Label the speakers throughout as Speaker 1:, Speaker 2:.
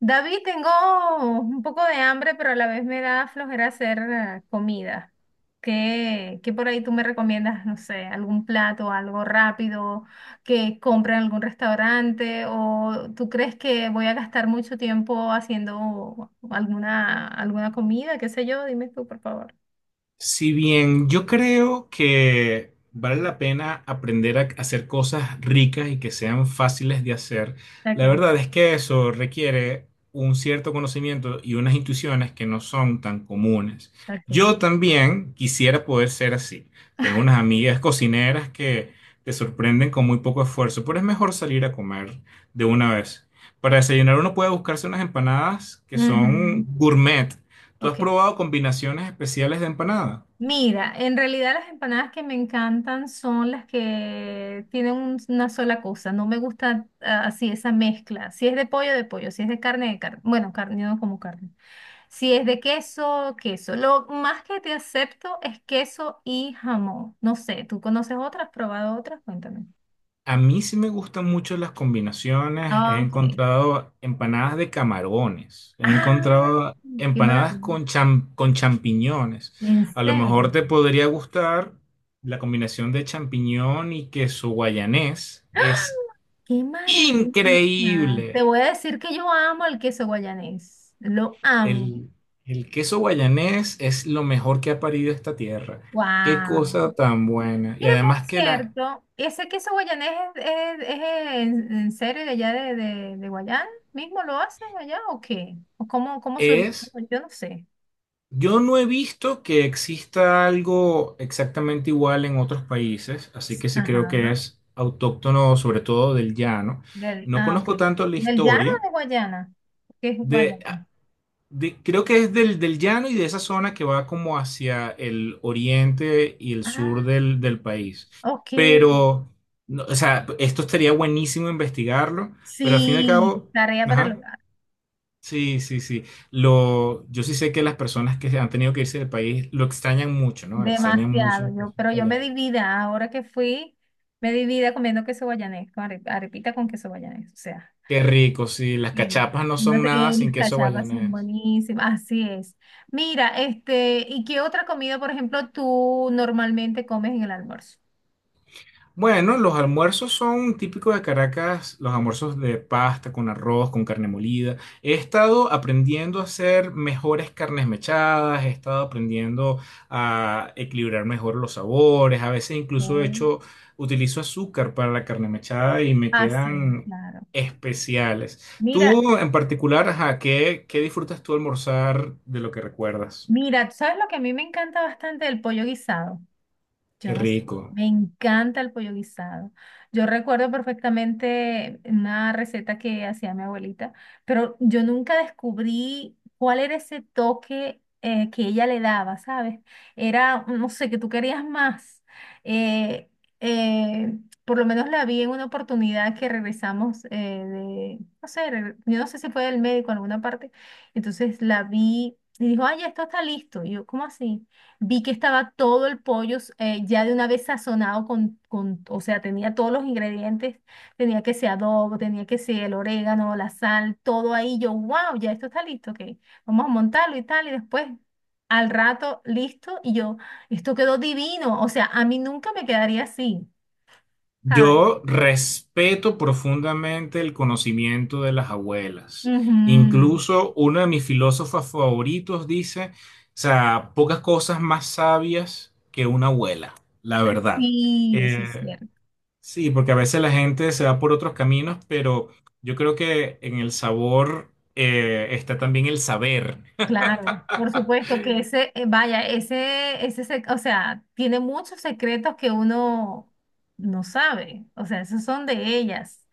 Speaker 1: David, tengo un poco de hambre, pero a la vez me da flojera hacer comida. ¿Qué por ahí tú me recomiendas? No sé, algún plato, algo rápido que compre en algún restaurante o tú crees que voy a gastar mucho tiempo haciendo alguna comida, qué sé yo, dime tú, por favor.
Speaker 2: Si bien yo creo que vale la pena aprender a hacer cosas ricas y que sean fáciles de hacer, la
Speaker 1: Ok,
Speaker 2: verdad es que eso requiere un cierto conocimiento y unas intuiciones que no son tan comunes.
Speaker 1: ok.
Speaker 2: Yo también quisiera poder ser así. Tengo unas amigas cocineras que te sorprenden con muy poco esfuerzo, pero es mejor salir a comer de una vez. Para desayunar uno puede buscarse unas empanadas que son
Speaker 1: Ujú.
Speaker 2: gourmet. ¿Tú has
Speaker 1: Ok.
Speaker 2: probado combinaciones especiales de empanada?
Speaker 1: Mira, en realidad las empanadas que me encantan son las que tienen una sola cosa. No me gusta así esa mezcla. Si es de pollo, de pollo. Si es de carne, de carne. Bueno, carne, yo no como carne. Si es de queso, queso. Lo más que te acepto es queso y jamón. No sé, ¿tú conoces otras? ¿Has ¿Probado otras? Cuéntame.
Speaker 2: A mí sí me gustan mucho las combinaciones. He
Speaker 1: Ah, ok.
Speaker 2: encontrado empanadas de camarones. He
Speaker 1: Ah,
Speaker 2: encontrado
Speaker 1: qué
Speaker 2: empanadas
Speaker 1: maravilla.
Speaker 2: con champiñones.
Speaker 1: ¿En
Speaker 2: A lo
Speaker 1: serio?
Speaker 2: mejor te podría gustar la combinación de champiñón y queso guayanés. Es
Speaker 1: ¡Qué maravilla! Te
Speaker 2: increíble.
Speaker 1: voy a decir que yo amo el queso guayanés. Lo amo.
Speaker 2: El, el queso guayanés es lo mejor que ha parido esta tierra. Qué cosa
Speaker 1: Wow.
Speaker 2: tan buena. Y
Speaker 1: Mira,
Speaker 2: además
Speaker 1: por
Speaker 2: que la
Speaker 1: cierto, ese queso guayanés es, es en serio de allá de Guayán, ¿mismo lo hacen allá o qué? ¿O cómo?
Speaker 2: es.
Speaker 1: Yo no sé.
Speaker 2: Yo no he visto que exista algo exactamente igual en otros países, así que sí creo
Speaker 1: Ajá,
Speaker 2: que
Speaker 1: ¿no?
Speaker 2: es autóctono, sobre todo del llano.
Speaker 1: Del,
Speaker 2: No conozco
Speaker 1: ok.
Speaker 2: tanto la
Speaker 1: ¿Del llano
Speaker 2: historia
Speaker 1: o de Guayana? ¿Qué es Guayana?
Speaker 2: de, ah, de creo que es del llano y de esa zona que va como hacia el oriente y el sur
Speaker 1: Ah,
Speaker 2: del país.
Speaker 1: ok.
Speaker 2: Pero, no, o sea, esto estaría buenísimo investigarlo, pero al fin y al
Speaker 1: Sí,
Speaker 2: cabo,
Speaker 1: tarea para el
Speaker 2: ajá.
Speaker 1: hogar.
Speaker 2: Sí, sí, sí. Lo, yo sí sé que las personas que han tenido que irse del país lo extrañan mucho, ¿no? Extrañan mucho
Speaker 1: Demasiado.
Speaker 2: el
Speaker 1: Yo,
Speaker 2: queso
Speaker 1: pero yo me
Speaker 2: guayanés.
Speaker 1: divida, ahora que fui, me divida comiendo queso guayanés, con arepita con queso guayanés, o sea.
Speaker 2: Qué rico, sí. Las
Speaker 1: Sí,
Speaker 2: cachapas no
Speaker 1: no
Speaker 2: son
Speaker 1: sé,
Speaker 2: nada sin
Speaker 1: las
Speaker 2: queso
Speaker 1: cachapas son
Speaker 2: guayanés.
Speaker 1: buenísimas, así es. Mira, ¿y qué otra comida, por ejemplo, tú normalmente comes en el almuerzo?
Speaker 2: Bueno, los almuerzos son típicos de Caracas, los almuerzos de pasta con arroz, con carne molida. He estado aprendiendo a hacer mejores carnes mechadas, he estado aprendiendo a equilibrar mejor los sabores, a veces incluso he
Speaker 1: Mm.
Speaker 2: hecho, utilizo azúcar para la carne mechada y me
Speaker 1: Ah, sí,
Speaker 2: quedan
Speaker 1: claro.
Speaker 2: especiales.
Speaker 1: Mira,
Speaker 2: Tú en particular, ajá, ¿qué, qué disfrutas tú almorzar de lo que recuerdas?
Speaker 1: mira, ¿tú ¿sabes lo que a mí me encanta bastante? El pollo guisado. Yo
Speaker 2: Qué
Speaker 1: no sé.
Speaker 2: rico.
Speaker 1: Me encanta el pollo guisado. Yo recuerdo perfectamente una receta que hacía mi abuelita, pero yo nunca descubrí cuál era ese toque que ella le daba, ¿sabes? Era, no sé, que tú querías más. Eh, eh, por lo menos la vi en una oportunidad que regresamos de, no sé, yo no sé si fue del médico en alguna parte. Entonces la vi y dijo, ay, ya esto está listo. Y yo, ¿cómo así? Vi que estaba todo el pollo ya de una vez sazonado con, o sea, tenía todos los ingredientes, tenía que ser adobo, tenía que ser el orégano, la sal, todo ahí. Yo, wow, ya esto está listo, ok, vamos a montarlo y tal, y después al rato listo, y yo, esto quedó divino, o sea, a mí nunca me quedaría así, ¿sabes?
Speaker 2: Yo respeto profundamente el conocimiento de las abuelas.
Speaker 1: Ujú.
Speaker 2: Incluso uno de mis filósofos favoritos dice, o sea, pocas cosas más sabias que una abuela, la verdad.
Speaker 1: Sí, eso es
Speaker 2: Eh,
Speaker 1: cierto.
Speaker 2: sí, porque a veces la gente se va por otros caminos, pero yo creo que en el sabor está también el saber.
Speaker 1: Claro, por supuesto que ese, vaya, ese, o sea, tiene muchos secretos que uno no sabe, o sea, esos son de ellas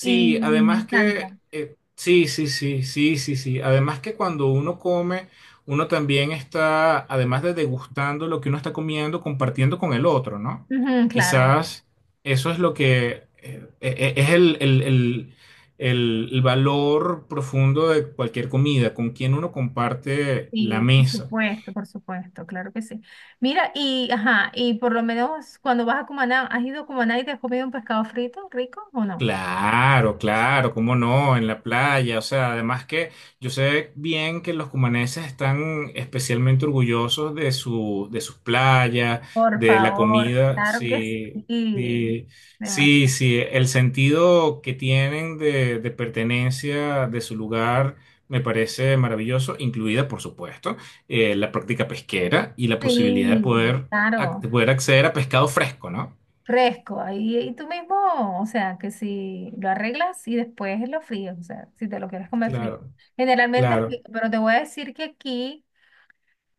Speaker 1: y, y me
Speaker 2: además
Speaker 1: encanta.
Speaker 2: que, sí, sí, sí, sí, sí, sí. Además que cuando uno come, uno también está, además de degustando lo que uno está comiendo, compartiendo con el otro, ¿no?
Speaker 1: Ujú, claro,
Speaker 2: Quizás eso es lo que es el valor profundo de cualquier comida, con quien uno comparte la
Speaker 1: sí,
Speaker 2: mesa.
Speaker 1: por supuesto, claro que sí. Mira, y, ajá, y por lo menos cuando vas a Cumaná, ¿has ido a Cumaná y te has comido un pescado frito rico o no?
Speaker 2: Claro, claro, cómo no, en la playa, o sea, además que yo sé bien que los cumaneses están especialmente orgullosos de de sus playas,
Speaker 1: Por
Speaker 2: de la
Speaker 1: favor,
Speaker 2: comida,
Speaker 1: claro que
Speaker 2: sí,
Speaker 1: sí.
Speaker 2: sí, sí,
Speaker 1: Demasi-.
Speaker 2: sí, el sentido que tienen de pertenencia de su lugar me parece maravilloso, incluida, por supuesto, la práctica pesquera y la posibilidad de
Speaker 1: Sí,
Speaker 2: poder,
Speaker 1: claro.
Speaker 2: de poder acceder a pescado fresco, ¿no?
Speaker 1: Fresco, ahí y tú mismo, o sea, que si lo arreglas y después lo fríes, o sea, si te lo quieres comer frío.
Speaker 2: Claro,
Speaker 1: Generalmente es
Speaker 2: claro,
Speaker 1: frito, pero te voy a decir que aquí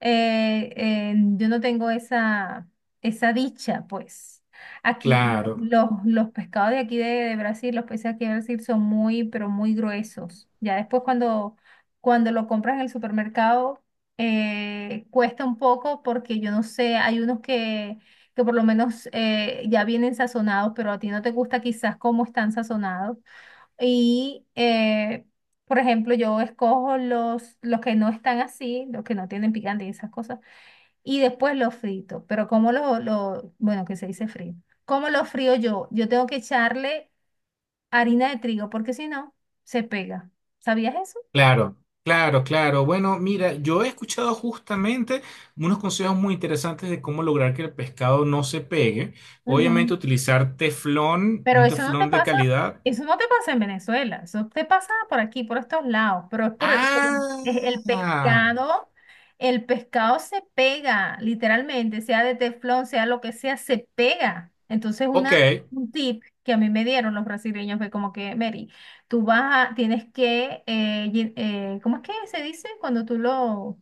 Speaker 1: yo no tengo esa dicha, pues. Aquí
Speaker 2: claro.
Speaker 1: los pescados de aquí de Brasil, los peces aquí de Brasil son muy, pero muy gruesos. Ya después cuando lo compras en el supermercado, cuesta un poco porque yo no sé, hay unos que por lo menos ya vienen sazonados, pero a ti no te gusta quizás cómo están sazonados. Y, por ejemplo, yo escojo los que no están así, los que no tienen picante y esas cosas, y después los frito. Pero ¿cómo lo, bueno, que se dice frío? ¿Cómo lo frío yo? Yo tengo que echarle harina de trigo porque si no, se pega. ¿Sabías eso?
Speaker 2: Claro, claro, claro. Bueno, mira, yo he escuchado justamente unos consejos muy interesantes de cómo lograr que el pescado no se pegue.
Speaker 1: Ujú.
Speaker 2: Obviamente utilizar teflón,
Speaker 1: Pero
Speaker 2: un
Speaker 1: eso no te
Speaker 2: teflón de
Speaker 1: pasa,
Speaker 2: calidad.
Speaker 1: eso no te pasa en Venezuela, eso te pasa por aquí, por estos lados, pero es el
Speaker 2: Ah,
Speaker 1: pescado, el pescado se pega, literalmente, sea de teflón, sea lo que sea, se pega. Entonces
Speaker 2: ok.
Speaker 1: un tip que a mí me dieron los brasileños fue como que, Mary, tienes que, ¿cómo es que se dice? Cuando tú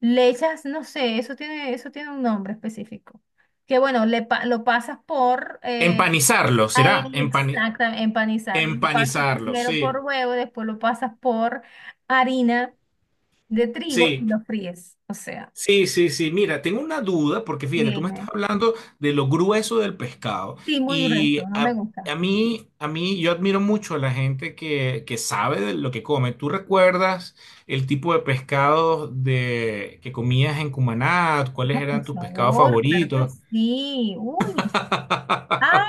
Speaker 1: le echas, no sé, eso tiene un nombre específico que bueno, lo pasas por.
Speaker 2: Empanizarlo, ¿será?
Speaker 1: Exacto, empanizarlo. Lo pasas
Speaker 2: Empanizarlo,
Speaker 1: primero por
Speaker 2: sí.
Speaker 1: huevo, después lo pasas por harina de trigo
Speaker 2: Sí,
Speaker 1: y lo fríes. O sea,
Speaker 2: sí, sí, sí. Mira, tengo una duda porque fíjate, tú me estás
Speaker 1: viene.
Speaker 2: hablando de lo grueso del pescado
Speaker 1: Sí, muy
Speaker 2: y
Speaker 1: grueso, no me
Speaker 2: a, a
Speaker 1: gusta.
Speaker 2: mí, a mí, yo admiro mucho a la gente que sabe de lo que come. ¿Tú recuerdas el tipo de pescado de, que comías en Cumaná? ¿Cuáles
Speaker 1: Ah,
Speaker 2: eran
Speaker 1: por
Speaker 2: tus pescados
Speaker 1: favor, claro que
Speaker 2: favoritos?
Speaker 1: sí. Uy, ay,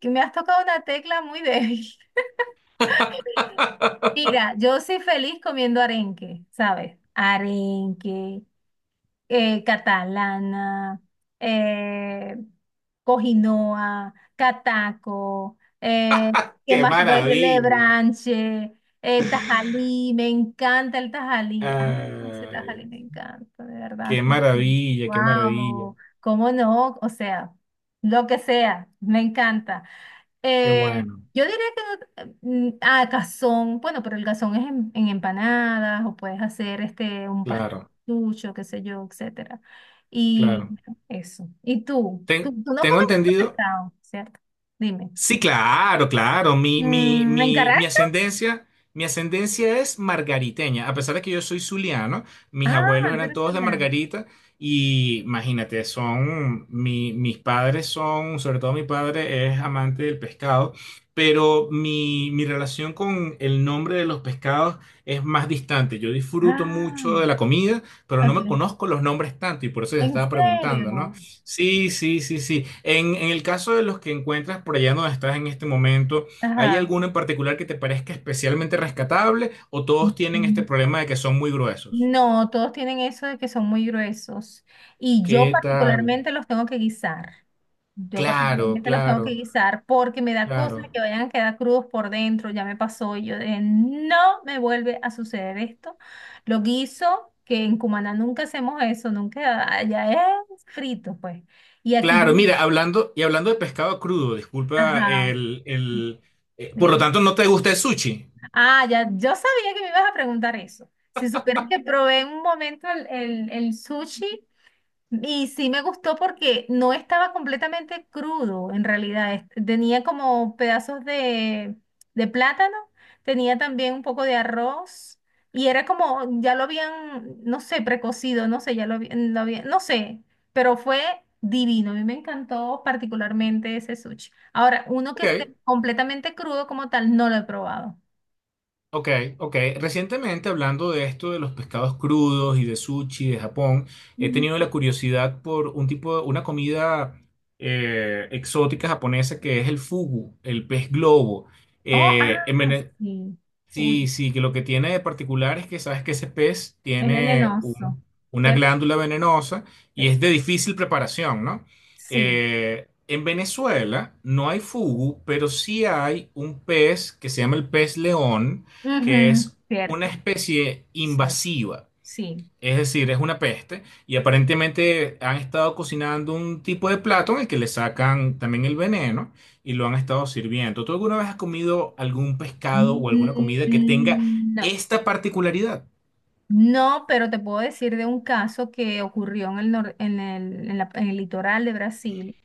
Speaker 1: que me has tocado una tecla muy débil. Mira, yo soy feliz comiendo arenque, ¿sabes? Arenque, catalana, eh, Cojinoa, Cataco, ¿qué
Speaker 2: ¡Qué
Speaker 1: más te puedes decir?
Speaker 2: maravilla!
Speaker 1: Lebranche, Tajalí, me encanta el Tajalí. Ah, ese
Speaker 2: Ay,
Speaker 1: Tajalí me encanta, de verdad
Speaker 2: ¡qué
Speaker 1: que sí.
Speaker 2: maravilla, qué maravilla!
Speaker 1: Wow, ¿cómo no? O sea, lo que sea, me encanta.
Speaker 2: ¡Qué
Speaker 1: Eh,
Speaker 2: bueno!
Speaker 1: yo diría que cazón, bueno, pero el cazón es en empanadas o puedes hacer un
Speaker 2: Claro,
Speaker 1: pastucho, qué sé yo, etcétera. Y
Speaker 2: claro.
Speaker 1: bueno, eso. ¿Y tú? ¿Tú, tú no
Speaker 2: Tengo
Speaker 1: comes mucho
Speaker 2: entendido.
Speaker 1: pescado, ¿cierto? Dime.
Speaker 2: Sí, claro, claro. Mi, mi,
Speaker 1: Mm, ¿en
Speaker 2: mi, mi
Speaker 1: Caracas?
Speaker 2: ascendencia, mi ascendencia es margariteña. A pesar de que yo soy zuliano, mis
Speaker 1: Ah,
Speaker 2: abuelos
Speaker 1: tú
Speaker 2: eran
Speaker 1: eres
Speaker 2: todos de
Speaker 1: italiana.
Speaker 2: Margarita. Y imagínate, son, mis padres son, sobre todo mi padre es amante del pescado, pero mi relación con el nombre de los pescados es más distante. Yo disfruto mucho
Speaker 1: Ah,
Speaker 2: de la comida, pero no
Speaker 1: ok.
Speaker 2: me conozco los nombres tanto y por eso te
Speaker 1: ¿En
Speaker 2: estaba preguntando, ¿no?
Speaker 1: serio?
Speaker 2: Sí, sí, sí, sí. En el caso de los que encuentras por allá donde estás en este momento, ¿hay
Speaker 1: Ajá.
Speaker 2: alguno en particular que te parezca especialmente rescatable o todos tienen este problema de que son muy gruesos?
Speaker 1: No, todos tienen eso de que son muy gruesos. Y yo
Speaker 2: ¿Qué tal?
Speaker 1: particularmente los tengo que guisar. Yo
Speaker 2: Claro,
Speaker 1: particularmente los tengo
Speaker 2: claro,
Speaker 1: que guisar porque me da cosa
Speaker 2: claro.
Speaker 1: que vayan a quedar crudos por dentro. Ya me pasó y yo de, no me vuelve a suceder esto. Lo guiso, que en Cumaná nunca hacemos eso, nunca, allá es frito, pues. Y aquí yo,
Speaker 2: Claro, mira, hablando y hablando de pescado crudo, disculpa
Speaker 1: ajá,
Speaker 2: el, por lo
Speaker 1: dime.
Speaker 2: tanto, ¿no te gusta el sushi?
Speaker 1: Ah, ya, yo sabía que me ibas a preguntar eso. Si supieras que probé en un momento el sushi. Y sí me gustó porque no estaba completamente crudo, en realidad. Tenía como pedazos de plátano, tenía también un poco de arroz y era como, ya lo habían, no sé, precocido, no sé, lo habían, no sé, pero fue divino. A mí me encantó particularmente ese sushi. Ahora, uno que esté
Speaker 2: Ok.
Speaker 1: completamente crudo como tal, no lo he probado.
Speaker 2: Ok, ok. Recientemente, hablando de esto de los pescados crudos y de sushi de Japón, he
Speaker 1: Ujú.
Speaker 2: tenido la curiosidad por un tipo de, una comida exótica japonesa que es el fugu, el pez globo.
Speaker 1: Oh,
Speaker 2: Eh, en Vene-
Speaker 1: sí.
Speaker 2: Sí,
Speaker 1: Uy,
Speaker 2: sí, que lo que tiene de particular es que sabes que ese pez
Speaker 1: es
Speaker 2: tiene
Speaker 1: venenoso,
Speaker 2: una
Speaker 1: ¿cierto?
Speaker 2: glándula venenosa y
Speaker 1: Sí.
Speaker 2: es de difícil preparación, ¿no?
Speaker 1: Sí.
Speaker 2: En Venezuela no hay fugu, pero sí hay un pez que se llama el pez león, que
Speaker 1: Ujú,
Speaker 2: es una
Speaker 1: cierto,
Speaker 2: especie
Speaker 1: cierto,
Speaker 2: invasiva.
Speaker 1: sí.
Speaker 2: Es decir, es una peste y aparentemente han estado cocinando un tipo de plato en el que le sacan también el veneno y lo han estado sirviendo. ¿Tú alguna vez has comido algún pescado o alguna comida que tenga
Speaker 1: Mm, no,
Speaker 2: esta particularidad?
Speaker 1: no, pero te puedo decir de un caso que ocurrió en el, nor- en el, en la- en el litoral de Brasil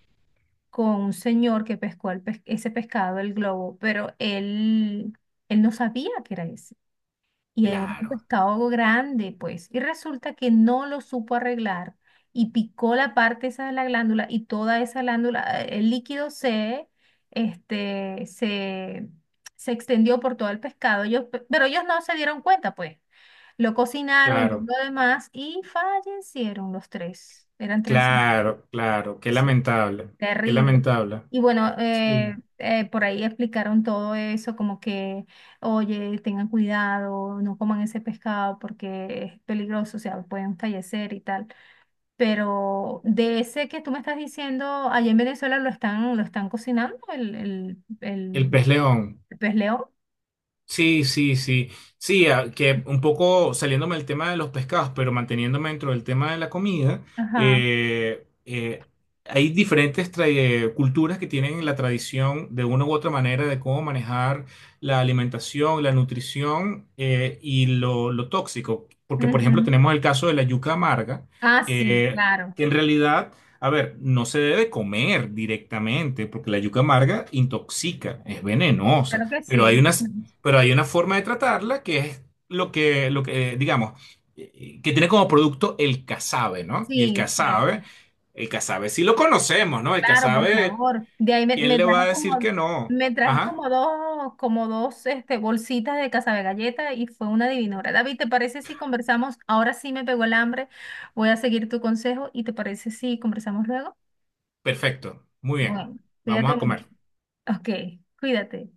Speaker 1: con un señor que pescó ese pescado, el globo, pero él no sabía que era ese. Y era un
Speaker 2: Claro,
Speaker 1: pescado grande, pues. Y resulta que no lo supo arreglar y picó la parte esa de la glándula y toda esa glándula, el líquido este, se, se extendió por todo el pescado. Pero ellos no se dieron cuenta, pues. Lo cocinaron y
Speaker 2: claro,
Speaker 1: todo lo demás y fallecieron los tres. Eran tres.
Speaker 2: claro, claro. Qué lamentable, qué
Speaker 1: Terrible.
Speaker 2: lamentable.
Speaker 1: Y bueno,
Speaker 2: Sí.
Speaker 1: por ahí explicaron todo eso, como que, oye, tengan cuidado, no coman ese pescado porque es peligroso, o sea, pueden fallecer y tal. Pero de ese que tú me estás diciendo, allá en Venezuela lo están cocinando, el, el,
Speaker 2: El
Speaker 1: el,
Speaker 2: pez león.
Speaker 1: el pez león.
Speaker 2: Sí, sí, sí. Sí, que un poco saliéndome del tema de los pescados, pero manteniéndome dentro del tema de la comida,
Speaker 1: Ajá.
Speaker 2: eh, eh, hay diferentes culturas que tienen la tradición de una u otra manera de cómo manejar la alimentación, la nutrición y lo tóxico. Porque, por ejemplo,
Speaker 1: Ujú.
Speaker 2: tenemos el caso de la yuca amarga,
Speaker 1: Ah, sí,
Speaker 2: eh,
Speaker 1: claro.
Speaker 2: que en realidad... A ver, no se debe comer directamente porque la yuca amarga intoxica, es venenosa,
Speaker 1: Claro que
Speaker 2: pero hay
Speaker 1: sí.
Speaker 2: unas pero hay una forma de tratarla que es lo que, digamos, que tiene como producto el casabe, ¿no? Y
Speaker 1: Sí, cierto.
Speaker 2: el casabe sí lo conocemos, ¿no? El
Speaker 1: Claro, por
Speaker 2: casabe,
Speaker 1: favor. De ahí me,
Speaker 2: ¿quién
Speaker 1: me
Speaker 2: le va
Speaker 1: trajes
Speaker 2: a decir que
Speaker 1: como,
Speaker 2: no?
Speaker 1: me trajes
Speaker 2: Ajá,
Speaker 1: como dos bolsitas de casabe galleta y fue una divinora. David, ¿te parece si conversamos? Ahora sí me pegó el hambre. Voy a seguir tu consejo y ¿te parece si conversamos luego?
Speaker 2: perfecto, muy bien,
Speaker 1: Bueno,
Speaker 2: vamos
Speaker 1: cuídate
Speaker 2: a
Speaker 1: mucho.
Speaker 2: comer.
Speaker 1: Ok, cuídate.